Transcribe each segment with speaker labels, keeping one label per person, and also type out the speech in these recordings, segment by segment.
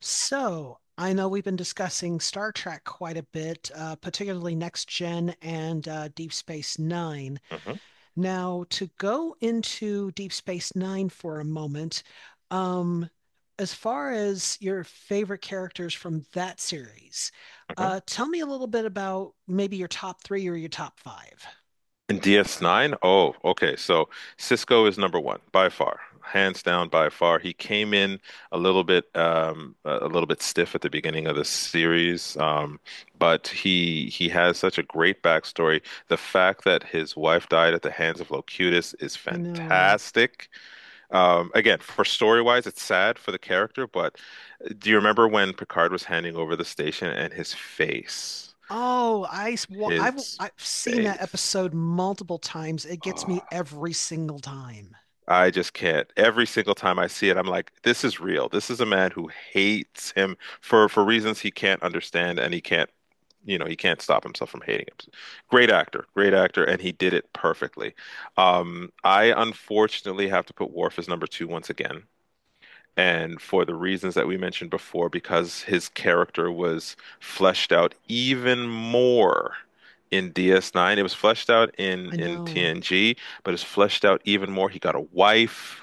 Speaker 1: So, I know we've been discussing Star Trek quite a bit, particularly Next Gen and Deep Space Nine.
Speaker 2: Hmm
Speaker 1: Now, to go into Deep Space Nine for a moment, um, as far as your favorite characters from that series,
Speaker 2: hmm
Speaker 1: tell me a little bit about maybe your top three or your top five.
Speaker 2: And DS9? Oh, okay. So Cisco is number one by far, hands down by far. He came in a little bit, a little bit stiff at the beginning of the series, but he has such a great backstory. The fact that his wife died at the hands of Locutus is
Speaker 1: I know.
Speaker 2: fantastic. Again, for story-wise, it's sad for the character, but do you remember when Picard was handing over the station and his face,
Speaker 1: Oh, I, s- wa-
Speaker 2: his
Speaker 1: I've seen that
Speaker 2: face?
Speaker 1: episode multiple times. It gets me
Speaker 2: Ah.
Speaker 1: every single time.
Speaker 2: I just can't. Every single time I see it, I'm like, this is real. This is a man who hates him for reasons he can't understand, and he can't stop himself from hating him. Great actor, and he did it perfectly. I unfortunately have to put Worf as number two once again. And for the reasons that we mentioned before, because his character was fleshed out even more in DS9, it was fleshed out in
Speaker 1: I know.
Speaker 2: TNG, but it's fleshed out even more. He got a wife,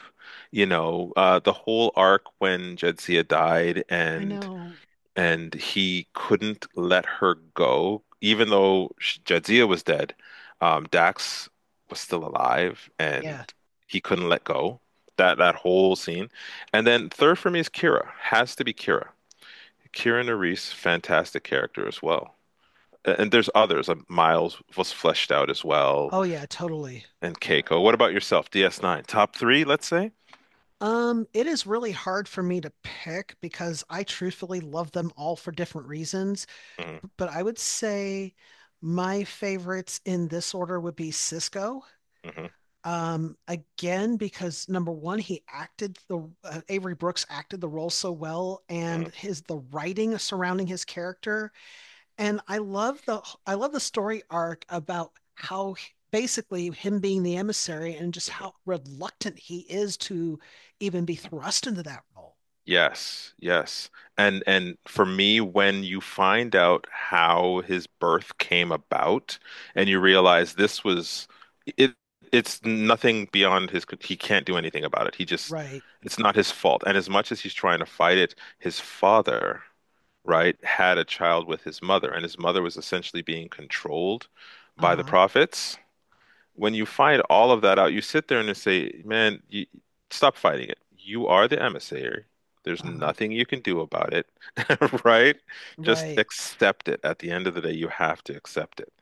Speaker 2: the whole arc when Jadzia died
Speaker 1: I
Speaker 2: and
Speaker 1: know.
Speaker 2: and he couldn't let her go, even though Jadzia was dead. Dax was still alive, and
Speaker 1: Yeah.
Speaker 2: he couldn't let go. That whole scene, and then third for me is Kira. Has to be Kira. Kira Nerys, fantastic character as well. And there's others. Miles was fleshed out as well,
Speaker 1: Oh yeah, totally.
Speaker 2: and Keiko. What about yourself? DS9, top three, let's say.
Speaker 1: It is really hard for me to pick because I truthfully love them all for different reasons. B-
Speaker 2: Hmm
Speaker 1: but I would say my favorites in this order would be Cisco.
Speaker 2: hmm
Speaker 1: Again, because number one, he acted the Avery Brooks acted the role so well, and
Speaker 2: hmm
Speaker 1: his the writing surrounding his character, and I love the story arc about how basically him being the emissary and just how reluctant he is to even be thrust into that role.
Speaker 2: Yes, yes. And for me, when you find out how his birth came about and you realize this was it, it's nothing beyond his he can't do anything about it. He just
Speaker 1: Right.
Speaker 2: it's not his fault. And as much as he's trying to fight it, his father, right, had a child with his mother, and his mother was essentially being controlled by the
Speaker 1: Uh-huh.
Speaker 2: prophets. When you find all of that out, you sit there and you say, man, you, stop fighting it. You are the emissary. There's
Speaker 1: Uh-huh.
Speaker 2: nothing you can do about it, right? Just
Speaker 1: Right.
Speaker 2: accept it. At the end of the day, you have to accept it.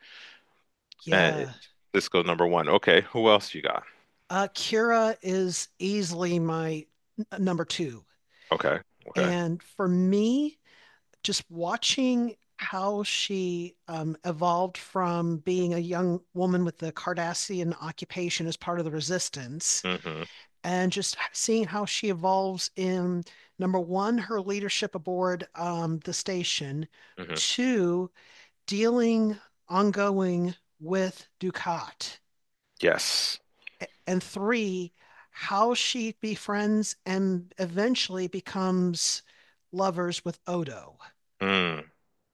Speaker 2: And
Speaker 1: Yeah.
Speaker 2: this goes number one. Okay, who else you got?
Speaker 1: Kira is easily my number two.
Speaker 2: Okay, okay.
Speaker 1: And for me, just watching how she evolved from being a young woman with the Cardassian occupation as part of the resistance,
Speaker 2: hmm
Speaker 1: and just seeing how she evolves in number one, her leadership aboard the station,
Speaker 2: hmm
Speaker 1: two, dealing ongoing with Ducat,
Speaker 2: Yes.
Speaker 1: and three, how she befriends and eventually becomes lovers with Odo.
Speaker 2: Mm.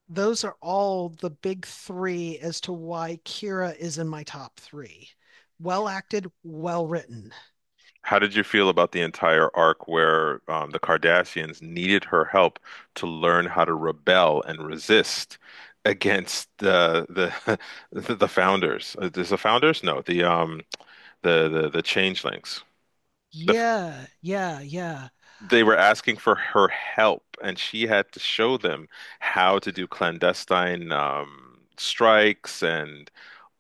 Speaker 1: Those are all the big three as to why Kira is in my top three. Well acted, well written.
Speaker 2: How did you feel about the entire arc where the Kardashians needed her help to learn how to rebel and resist against the the founders? Is the founders? No, the changelings. The, f-
Speaker 1: Yeah, yeah, yeah.
Speaker 2: they were asking for her help, and she had to show them how to do clandestine strikes and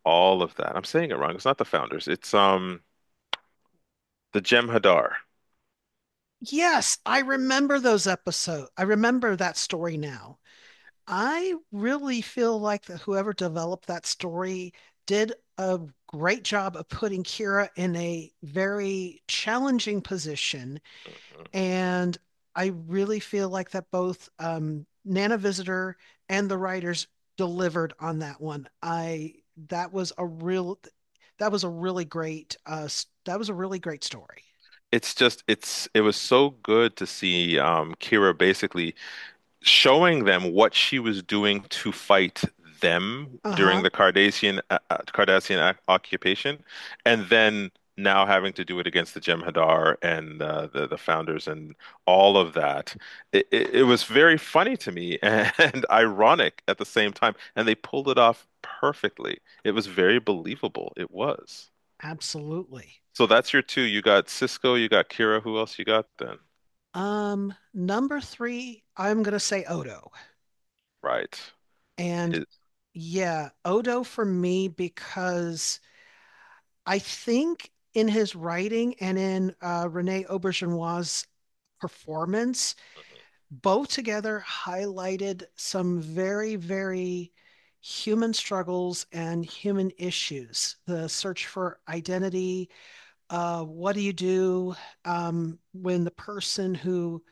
Speaker 2: all of that. I'm saying it wrong. It's not the founders. It's the Jem'Hadar.
Speaker 1: Yes, I remember those episodes. I remember that story now. I really feel like that whoever developed that story did a great job of putting Kira in a very challenging position. And I really feel like that both Nana Visitor and the writers delivered on that one. I that was a real that was a really great uh that was a really great story.
Speaker 2: It's just it's it was so good to see Kira, basically showing them what she was doing to fight them during
Speaker 1: Uh-huh.
Speaker 2: the Cardassian, Cardassian occupation, and then now having to do it against the Jem'Hadar and the founders and all of that. It was very funny to me and ironic at the same time, and they pulled it off perfectly. It was very believable. It was.
Speaker 1: Absolutely.
Speaker 2: So that's your two. You got Cisco, you got Kira. Who else you got then?
Speaker 1: Number three, I'm gonna say Odo.
Speaker 2: Right.
Speaker 1: And
Speaker 2: His
Speaker 1: yeah, Odo for me because I think in his writing and in Rene Auberginois' performance, both together highlighted some very, very human struggles and human issues. The search for identity, what do you do when the person who,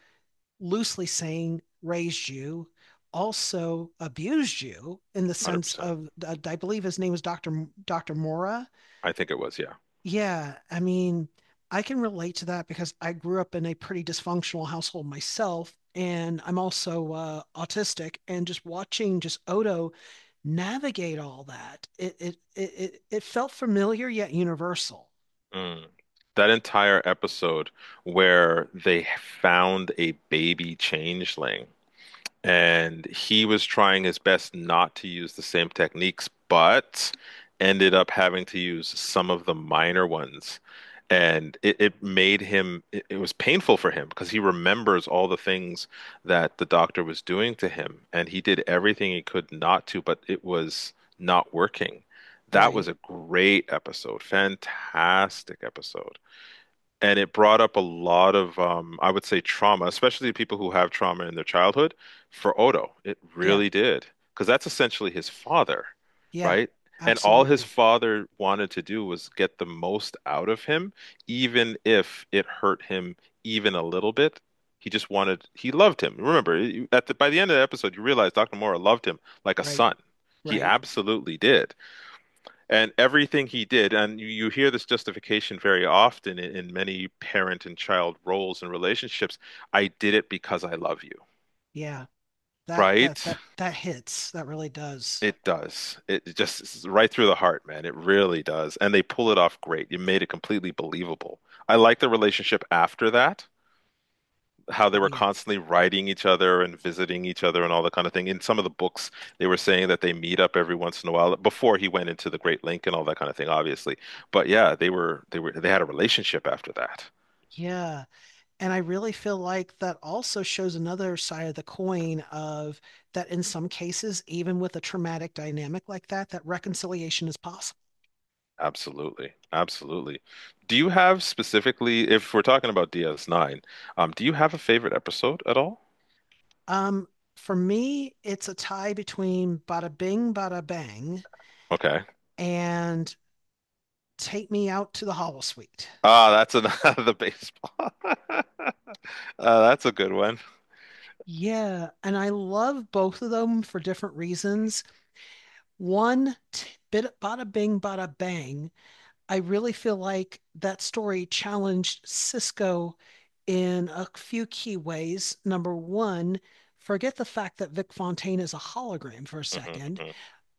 Speaker 1: loosely saying, raised you, also abused you, in the sense
Speaker 2: 100%.
Speaker 1: of I believe his name was Dr. Mora.
Speaker 2: I think it was, yeah.
Speaker 1: Yeah, I mean, I can relate to that because I grew up in a pretty dysfunctional household myself, and I'm also autistic. And just watching just Odo navigate all that, it felt familiar yet universal.
Speaker 2: Mm. That entire episode where they found a baby changeling and he was trying his best not to use the same techniques, but ended up having to use some of the minor ones. And it made him, it was painful for him because he remembers all the things that the doctor was doing to him. And he did everything he could not to, but it was not working. That was
Speaker 1: Right.
Speaker 2: a great episode, fantastic episode, and it brought up a lot of I would say trauma, especially people who have trauma in their childhood. For Odo, it
Speaker 1: Yeah.
Speaker 2: really did, because that's essentially his father,
Speaker 1: Yeah.
Speaker 2: right? And all his
Speaker 1: Absolutely.
Speaker 2: father wanted to do was get the most out of him, even if it hurt him even a little bit. He just wanted, he loved him. Remember, by the end of the episode, you realize Dr. Mora loved him like a
Speaker 1: Right.
Speaker 2: son. He
Speaker 1: Right.
Speaker 2: absolutely did. And everything he did, and you hear this justification very often in many parent and child roles and relationships, I did it because I love you,
Speaker 1: Yeah. that that
Speaker 2: right?
Speaker 1: that that hits. That really does.
Speaker 2: It does. It's right through the heart, man. It really does. And they pull it off great. You made it completely believable. I like the relationship after that, how they
Speaker 1: Oh
Speaker 2: were
Speaker 1: yeah.
Speaker 2: constantly writing each other and visiting each other and all that kind of thing. In some of the books, they were saying that they meet up every once in a while before he went into the Great Link and all that kind of thing, obviously. But yeah, they had a relationship after that.
Speaker 1: Yeah. And I really feel like that also shows another side of the coin of that in some cases, even with a traumatic dynamic like that, that reconciliation is possible.
Speaker 2: Absolutely. Absolutely. Do you have specifically, if we're talking about DS9, do you have a favorite episode at all?
Speaker 1: Um, for me, it's a tie between Bada Bing, Bada Bang
Speaker 2: Okay.
Speaker 1: and Take Me Out to the Hollow Suite.
Speaker 2: Ah, that's another the baseball. That's a good one.
Speaker 1: Yeah, and I love both of them for different reasons. One, t- bit Bada Bing, Bada Bang, I really feel like that story challenged Cisco in a few key ways. Number one, forget the fact that Vic Fontaine is a hologram for a
Speaker 2: Hmm
Speaker 1: second.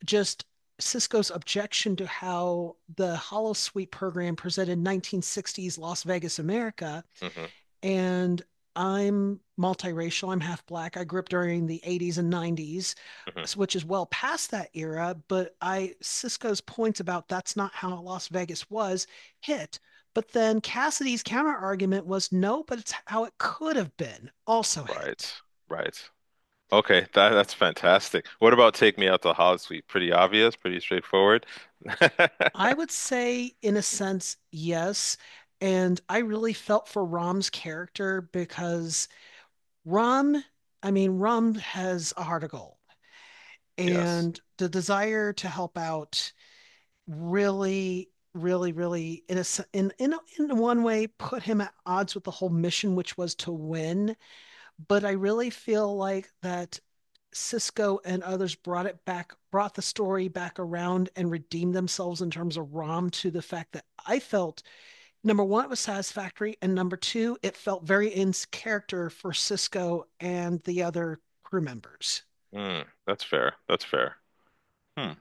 Speaker 1: Just Cisco's objection to how the Holosuite program presented 1960s Las Vegas, America.
Speaker 2: hmm
Speaker 1: And I'm multiracial. I'm half black. I grew up during the 80s and 90s,
Speaker 2: hmm
Speaker 1: which is well past that era. But I, Cisco's points about that's not how Las Vegas was, hit. But then Cassidy's counter argument was no, but it's how it could have been, also hit.
Speaker 2: Right. Right. Okay, that's fantastic. What about Take Me Out to Hollywood Suite? Pretty obvious, pretty straightforward.
Speaker 1: I would say, in a sense, yes. And I really felt for Rom's character because Rom, I mean, Rom has a heart of gold,
Speaker 2: Yes.
Speaker 1: and the desire to help out really, really, in a in in one way put him at odds with the whole mission, which was to win. But I really feel like that Cisco and others brought it back, brought the story back around and redeemed themselves in terms of Rom, to the fact that I felt, number one, it was satisfactory, and number two, it felt very in character for Cisco and the other crew members.
Speaker 2: Mm, that's fair. That's fair. Hmm.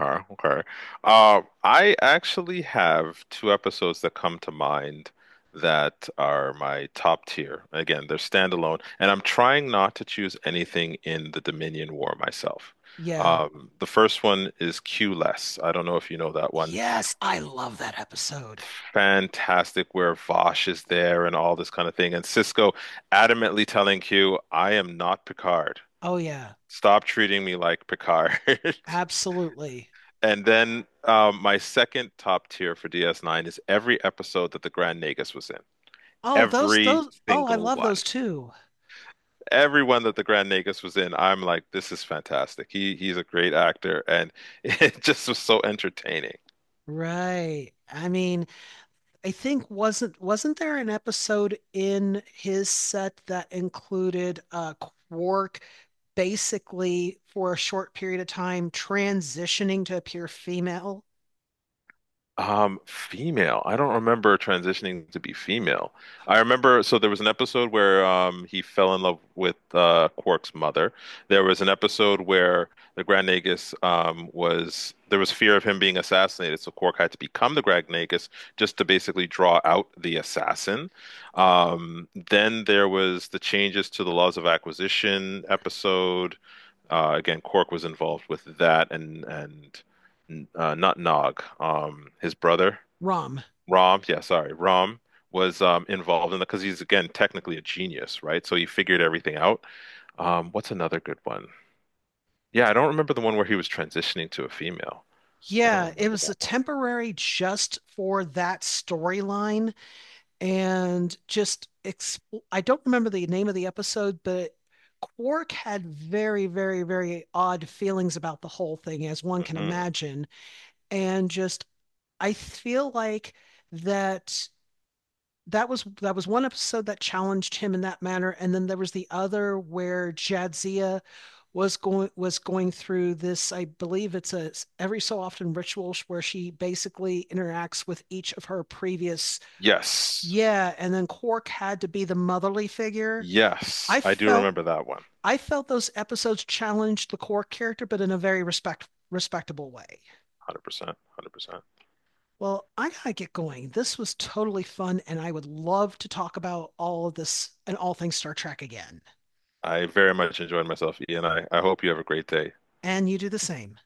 Speaker 2: Okay. Okay. I actually have two episodes that come to mind that are my top tier. Again, they're standalone, and I'm trying not to choose anything in the Dominion War myself.
Speaker 1: Yeah.
Speaker 2: The first one is Q Less. I don't know if you know that one.
Speaker 1: Yes, I love that episode.
Speaker 2: Fantastic, where Vosh is there and all this kind of thing. And Cisco adamantly telling Q, I am not Picard.
Speaker 1: Oh yeah,
Speaker 2: Stop treating me like Picard.
Speaker 1: absolutely.
Speaker 2: And then my second top tier for DS9 is every episode that the Grand Nagus was in.
Speaker 1: Oh, those
Speaker 2: Every
Speaker 1: those oh, I
Speaker 2: single
Speaker 1: love
Speaker 2: one.
Speaker 1: those too.
Speaker 2: Everyone that the Grand Nagus was in, I'm like, this is fantastic. He's a great actor, and it just was so entertaining.
Speaker 1: Right. I mean, I think wasn't there an episode in his set that included Quark basically for a short period of time transitioning to appear female?
Speaker 2: Female. I don't remember transitioning to be female. I remember, so there was an episode where he fell in love with Quark's mother. There was an episode where the Grand Nagus was there was fear of him being assassinated, so Quark had to become the Grand Nagus just to basically draw out the assassin. Then there was the changes to the laws of acquisition episode, again, Cork was involved with that, and not Nog, his brother
Speaker 1: Rum.
Speaker 2: Rom. Yeah, sorry, Rom was involved in that because he's again technically a genius, right? So he figured everything out. What's another good one? Yeah, I don't remember the one where he was transitioning to a female. I don't
Speaker 1: Yeah, it
Speaker 2: remember
Speaker 1: was
Speaker 2: that
Speaker 1: a
Speaker 2: one.
Speaker 1: temporary just for that storyline and just exp- I don't remember the name of the episode, but Quark had very, very, very odd feelings about the whole thing, as one can
Speaker 2: Hmm
Speaker 1: imagine. And just I feel like that that was one episode that challenged him in that manner, and then there was the other where Jadzia was going through this, I believe it's a, every so often, ritual where she basically interacts with each of her previous.
Speaker 2: Yes,
Speaker 1: Yeah, and then Quark had to be the motherly figure.
Speaker 2: yes,
Speaker 1: I
Speaker 2: I do
Speaker 1: felt,
Speaker 2: remember that one. one
Speaker 1: I felt those episodes challenged the Quark character, but in a very respectable way.
Speaker 2: Hundred percent, 100%.
Speaker 1: Well, I gotta get going. This was totally fun, and I would love to talk about all of this and all things Star Trek again.
Speaker 2: I very much enjoyed myself, Ian. I hope you have a great day.
Speaker 1: And you do the same.